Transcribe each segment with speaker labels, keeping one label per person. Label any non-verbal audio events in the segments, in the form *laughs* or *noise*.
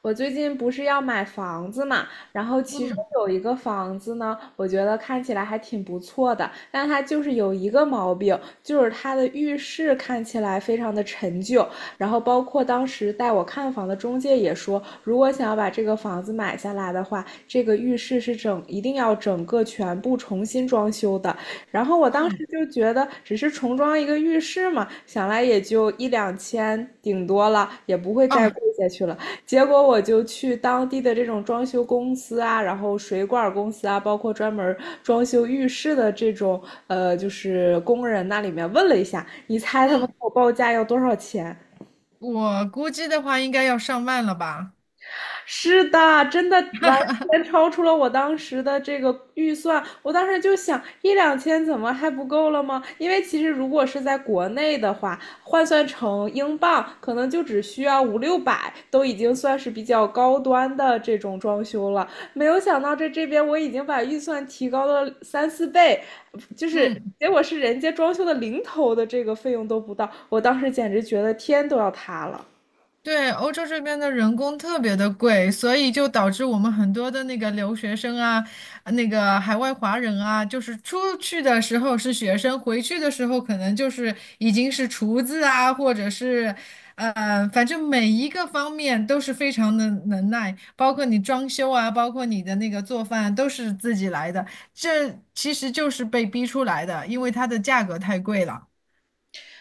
Speaker 1: 我最近不是要买房子嘛，然后其中
Speaker 2: 嗯
Speaker 1: 有一个房子呢，我觉得看起来还挺不错的，但它就是有一个毛病，就是它的浴室看起来非常的陈旧，然后包括当时带我看房的中介也说，如果想要把这个房子买下来的话，这个浴室是一定要整个全部重新装修的。然后我当时
Speaker 2: 嗯
Speaker 1: 就觉得，只是重装一个浴室嘛，想来也就一两千顶多了，也不会再
Speaker 2: 啊
Speaker 1: 贵下去了。结果我就去当地的这种装修公司啊，然后水管公司啊，包括专门装修浴室的这种就是工人那里面问了一下，你猜他们
Speaker 2: 嗯，
Speaker 1: 给我报价要多少钱？
Speaker 2: 我估计的话应该要上万了吧？
Speaker 1: 是的，真的完全超出了我当时的这个预算。我当时就想，一两千怎么还不够了吗？因为其实如果是在国内的话，换算成英镑，可能就只需要五六百，都已经算是比较高端的这种装修了。没有想到在这边我已经把预算提高了三四倍，就是
Speaker 2: 嗯。
Speaker 1: 结果是人家装修的零头的这个费用都不到，我当时简直觉得天都要塌了。
Speaker 2: 对，欧洲这边的人工特别的贵，所以就导致我们很多的那个留学生啊，那个海外华人啊，就是出去的时候是学生，回去的时候可能就是已经是厨子啊，或者是，反正每一个方面都是非常的能耐，包括你装修啊，包括你的那个做饭都是自己来的，这其实就是被逼出来的，因为它的价格太贵了。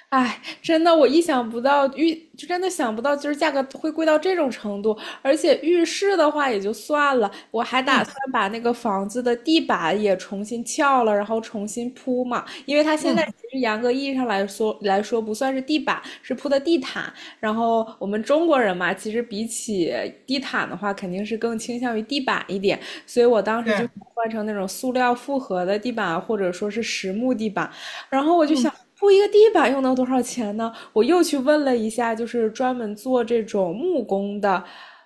Speaker 1: 哎，真的，我意想不到，就真的想不到，就是价格会贵到这种程度。而且浴室的话也就算了，我还打
Speaker 2: 嗯
Speaker 1: 算把那个房子的地板也重新撬了，然后重新铺嘛。因为它现在
Speaker 2: 嗯，
Speaker 1: 其实严格意义上来说不算是地板，是铺的地毯。然后我们中国人嘛，其实比起地毯的话，肯定是更倾向于地板一点。所以我当时就。
Speaker 2: 对，
Speaker 1: 换成那种塑料复合的地板，或者说是实木地板，然后我就想，
Speaker 2: 嗯
Speaker 1: 铺一个地板又能多少钱呢？我又去问了一下，就是专门做这种木工的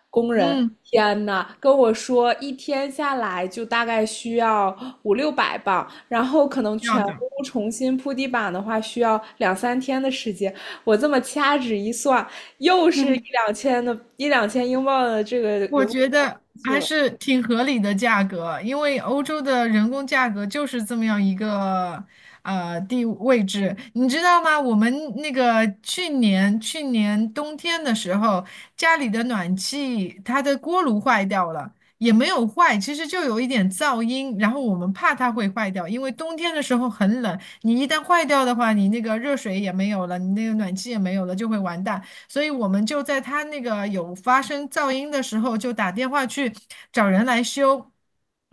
Speaker 1: 工人。
Speaker 2: 嗯，
Speaker 1: 天呐，跟我说一天下来就大概需要五六百磅，然后可能
Speaker 2: 要
Speaker 1: 全屋
Speaker 2: 的。
Speaker 1: 重新铺地板的话需要两三天的时间。我这么掐指一算，又是
Speaker 2: *laughs*
Speaker 1: 一两千英镑的这个
Speaker 2: 我
Speaker 1: 人工
Speaker 2: 觉得
Speaker 1: 费去
Speaker 2: 还
Speaker 1: 了。
Speaker 2: 是挺合理的价格，因为欧洲的人工价格就是这么样一个地位置，你知道吗？我们那个去年冬天的时候，家里的暖气它的锅炉坏掉了，也没有坏，其实就有一点噪音，然后我们怕它会坏掉，因为冬天的时候很冷，你一旦坏掉的话，你那个热水也没有了，你那个暖气也没有了，就会完蛋。所以我们就在他那个有发生噪音的时候，就打电话去找人来修。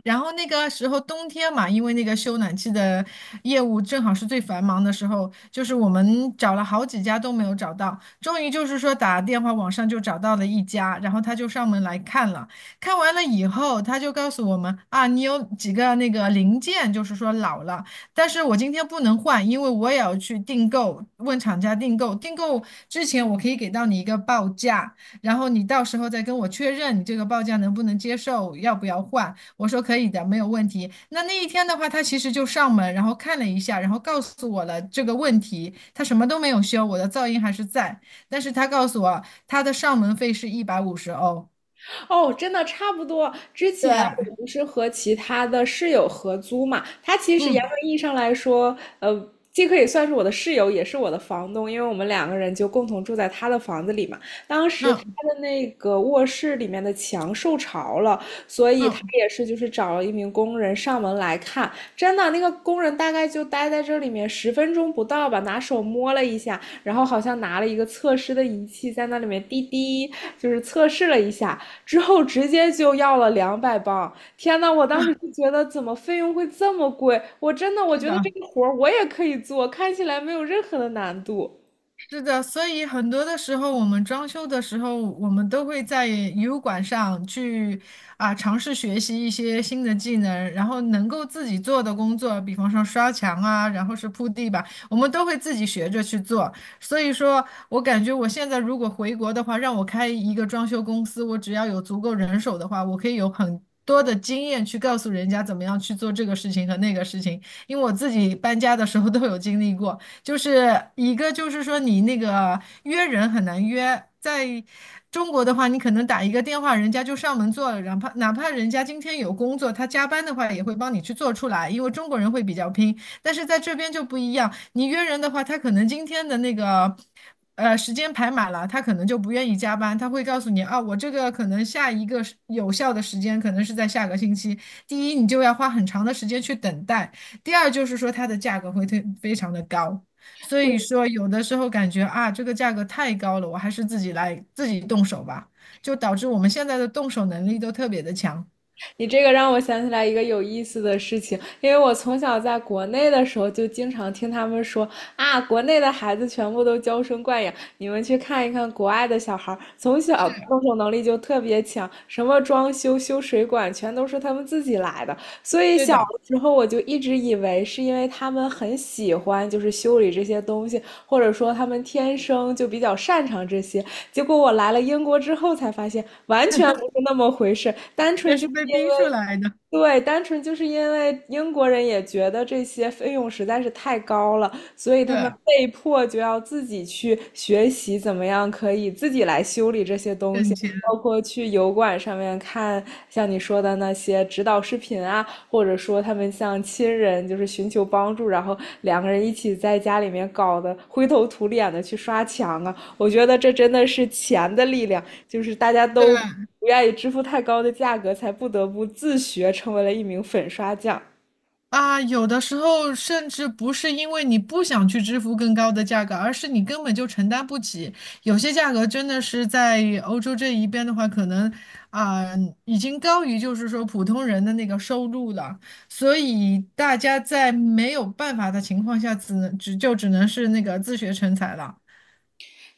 Speaker 2: 然后那个时候冬天嘛，因为那个修暖气的业务正好是最繁忙的时候，就是我们找了好几家都没有找到，终于就是说打电话网上就找到了一家，然后他就上门来看了，看完了以后他就告诉我们啊，你有几个那个零件就是说老了。但是我今天不能换，因为我也要去订购，问厂家订购。订购之前我可以给到你一个报价，然后你到时候再跟我确认你这个报价能不能接受，要不要换。我说可以的，没有问题。那一天的话，他其实就上门，然后看了一下，然后告诉我了这个问题，他什么都没有修，我的噪音还是在，但是他告诉我他的上门费是150欧。
Speaker 1: 哦，真的差不多。之前
Speaker 2: 对，
Speaker 1: 我不是和其他的室友合租嘛，他其实严
Speaker 2: 嗯
Speaker 1: 格意义上来说，既可以算是我的室友，也是我的房东，因为我们两个人就共同住在他的房子里嘛。当时他
Speaker 2: 嗯
Speaker 1: 的那个卧室里面的墙受潮了，所以他
Speaker 2: 嗯，
Speaker 1: 也是就是找了一名工人上门来看。真的，那个工人大概就待在这里面10分钟不到吧，拿手摸了一下，然后好像拿了一个测试的仪器在那里面滴滴，就是测试了一下。之后直接就要了200磅。天呐，我当时就觉得怎么费用会这么贵？我真的我
Speaker 2: 是
Speaker 1: 觉得这
Speaker 2: 的。
Speaker 1: 个活儿我也可以做，看起来没有任何的难度。
Speaker 2: 是的，所以很多的时候，我们装修的时候，我们都会在油管上去啊尝试学习一些新的技能，然后能够自己做的工作，比方说刷墙啊，然后是铺地板，我们都会自己学着去做。所以说，我感觉我现在如果回国的话，让我开一个装修公司，我只要有足够人手的话，我可以有很多的经验去告诉人家怎么样去做这个事情和那个事情，因为我自己搬家的时候都有经历过。就是一个就是说你那个约人很难约，在中国的话，你可能打一个电话，人家就上门做了，哪怕人家今天有工作，他加班的话也会帮你去做出来，因为中国人会比较拼。但是在这边就不一样，你约人的话，他可能今天的那个。时间排满了，他可能就不愿意加班，他会告诉你啊，我这个可能下一个时有效的时间可能是在下个星期。第一，你就要花很长的时间去等待；第二，就是说它的价格会非常的高。所以说，有的时候感觉啊，这个价格太高了，我还是自己来自己动手吧，就导致我们现在的动手能力都特别的强。
Speaker 1: 你这个让我想起来一个有意思的事情，因为我从小在国内的时候就经常听他们说啊，国内的孩子全部都娇生惯养，你们去看一看国外的小孩从小动手能力就特别强，什么装修、修水管全都是他们自己来的。所以
Speaker 2: 对
Speaker 1: 小
Speaker 2: 的，
Speaker 1: 的时候我就一直以为是因为他们很喜欢就是修理这些东西，或者说他们天生就比较擅长这些，结果我来了英国之后才发现，完全不是那么回事，单
Speaker 2: 那
Speaker 1: 纯就
Speaker 2: 是
Speaker 1: 是
Speaker 2: 被
Speaker 1: 因
Speaker 2: 逼出
Speaker 1: 为，
Speaker 2: 来的。
Speaker 1: 对，单纯就是因为英国人也觉得这些费用实在是太高了，所以他们
Speaker 2: 对，
Speaker 1: 被迫就要自己去学习怎么样可以自己来修理这些东西，
Speaker 2: 挣钱。
Speaker 1: 包括去油管上面看像你说的那些指导视频啊，或者说他们向亲人就是寻求帮助，然后两个人一起在家里面搞得灰头土脸的去刷墙啊。我觉得这真的是钱的力量，就是大家都不
Speaker 2: 对。
Speaker 1: 愿意支付太高的价格，才不得不自学成为了一名粉刷匠。
Speaker 2: 啊，有的时候甚至不是因为你不想去支付更高的价格，而是你根本就承担不起。有些价格真的是在欧洲这一边的话，可能啊，已经高于就是说普通人的那个收入了。所以大家在没有办法的情况下，只能是那个自学成才了。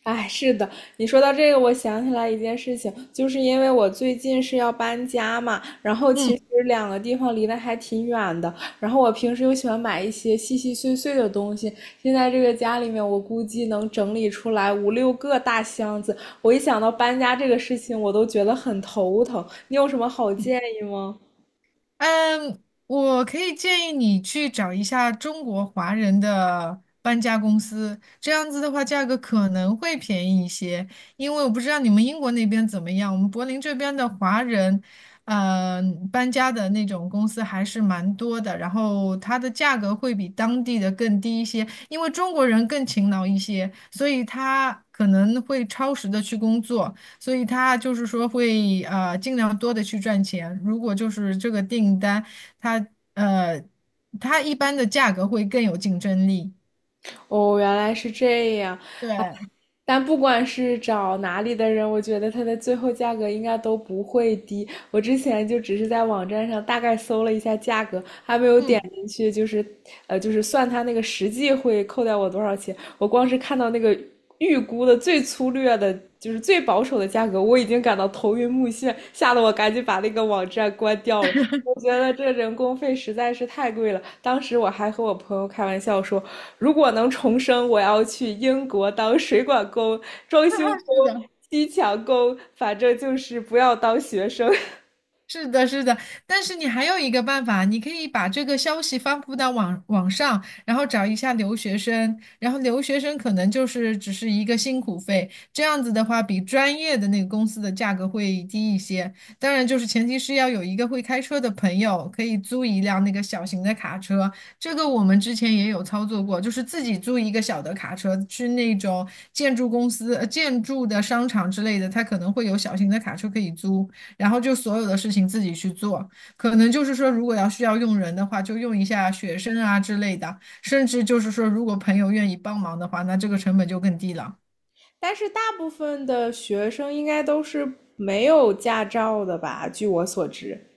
Speaker 1: 哎，是的，你说到这个，我想起来一件事情，就是因为我最近是要搬家嘛，然后其实
Speaker 2: 嗯。
Speaker 1: 两个地方离得还挺远的，然后我平时又喜欢买一些细细碎碎的东西，现在这个家里面我估计能整理出来五六个大箱子，我一想到搬家这个事情，我都觉得很头疼。你有什么好建议吗？
Speaker 2: 嗯，我可以建议你去找一下中国华人的搬家公司，这样子的话价格可能会便宜一些。因为我不知道你们英国那边怎么样，我们柏林这边的华人，呃，搬家的那种公司还是蛮多的，然后它的价格会比当地的更低一些，因为中国人更勤劳一些，所以他可能会超时的去工作。所以他就是说会尽量多的去赚钱。如果就是这个订单，他呃他一般的价格会更有竞争力。
Speaker 1: 哦，原来是这样。
Speaker 2: 对，
Speaker 1: 但不管是找哪里的人，我觉得它的最后价格应该都不会低。我之前就只是在网站上大概搜了一下价格，还没有点
Speaker 2: 嗯，
Speaker 1: 进去，就是就是算它那个实际会扣掉我多少钱。我光是看到那个预估的最粗略的，就是最保守的价格，我已经感到头晕目眩，吓得我赶紧把那个网站关掉了。我觉得这人工费实在是太贵了。当时我还和我朋友开玩笑说，如果能重生，我要去英国当水管工、装修工、
Speaker 2: *laughs* 是的。
Speaker 1: 砌墙工，反正就是不要当学生。
Speaker 2: 是的，是的，但是你还有一个办法，你可以把这个消息发布到网上，然后找一下留学生，然后留学生可能就是只是一个辛苦费，这样子的话比专业的那个公司的价格会低一些。当然，就是前提是要有一个会开车的朋友，可以租一辆那个小型的卡车，这个我们之前也有操作过，就是自己租一个小的卡车去那种建筑公司、建筑的商场之类的，它可能会有小型的卡车可以租。然后就所有的事情自己去做。可能就是说，如果要需要用人的话，就用一下学生啊之类的，甚至就是说，如果朋友愿意帮忙的话，那这个成本就更低了。
Speaker 1: *laughs* 但是大部分的学生应该都是没有驾照的吧？据我所知。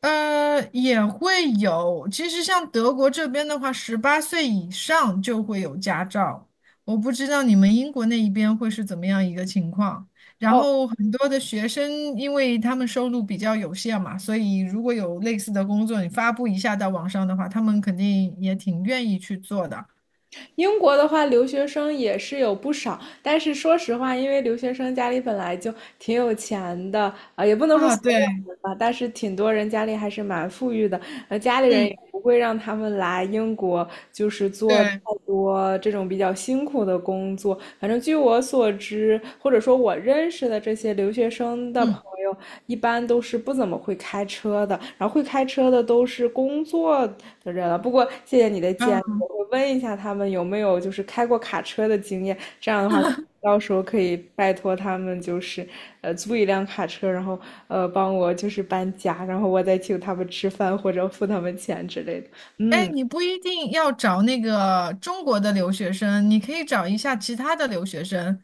Speaker 2: 也会有。其实像德国这边的话，18岁以上就会有驾照。我不知道你们英国那一边会是怎么样一个情况。然
Speaker 1: 哦，
Speaker 2: 后很多的学生，因为他们收入比较有限嘛，所以如果有类似的工作，你发布一下到网上的话，他们肯定也挺愿意去做的。
Speaker 1: 英国的话，留学生也是有不少，但是说实话，因为留学生家里本来就挺有钱的，啊、也不能说
Speaker 2: 啊，
Speaker 1: 所
Speaker 2: 对，
Speaker 1: 有人吧，但是挺多人家里还是蛮富裕的，家里人也
Speaker 2: 嗯，
Speaker 1: 不会让他们来英国，就是做太
Speaker 2: 对，
Speaker 1: 多这种比较辛苦的工作。反正据我所知，或者说我认识的这些留学生的朋
Speaker 2: 嗯，
Speaker 1: 友，一般都是不怎么会开车的，然后会开车的都是工作的人了。不过谢谢你的建议。
Speaker 2: 啊，
Speaker 1: 我问一下他们有没有就是开过卡车的经验，这样的话，到时候可以拜托他们就是租一辆卡车，然后帮我就是搬家，然后我再请他们吃饭或者付他们钱之类的。
Speaker 2: 哎，你不一定要找那个中国的留学生，你可以找一下其他的留学生。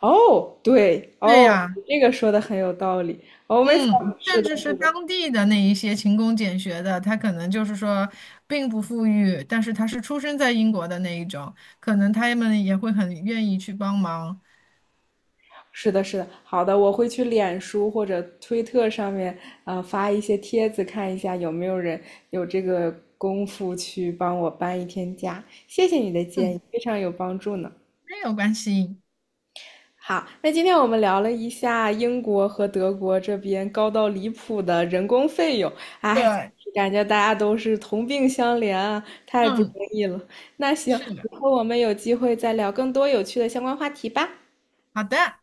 Speaker 1: 哦，对，
Speaker 2: 对
Speaker 1: 哦，
Speaker 2: 呀，
Speaker 1: 这个说的很有道理。哦，没，
Speaker 2: 嗯，
Speaker 1: 是
Speaker 2: 甚
Speaker 1: 的，
Speaker 2: 至是当地的那一些勤工俭学的，他可能就是说并不富裕，但是他是出生在英国的那一种，可能他们也会很愿意去帮忙。
Speaker 1: 是的，是的，好的，我会去脸书或者推特上面发一些帖子，看一下有没有人有这个功夫去帮我搬一天家。谢谢你的建议，
Speaker 2: 嗯，
Speaker 1: 非常有帮助呢。
Speaker 2: 没有关系。
Speaker 1: 好，那今天我们聊了一下英国和德国这边高到离谱的人工费用，哎，
Speaker 2: 对，
Speaker 1: 感觉大家都是同病相怜啊，太不容
Speaker 2: 嗯，
Speaker 1: 易了。那行，
Speaker 2: 是
Speaker 1: 以
Speaker 2: 的，
Speaker 1: 后我们有机会再聊更多有趣的相关话题吧。
Speaker 2: 好的。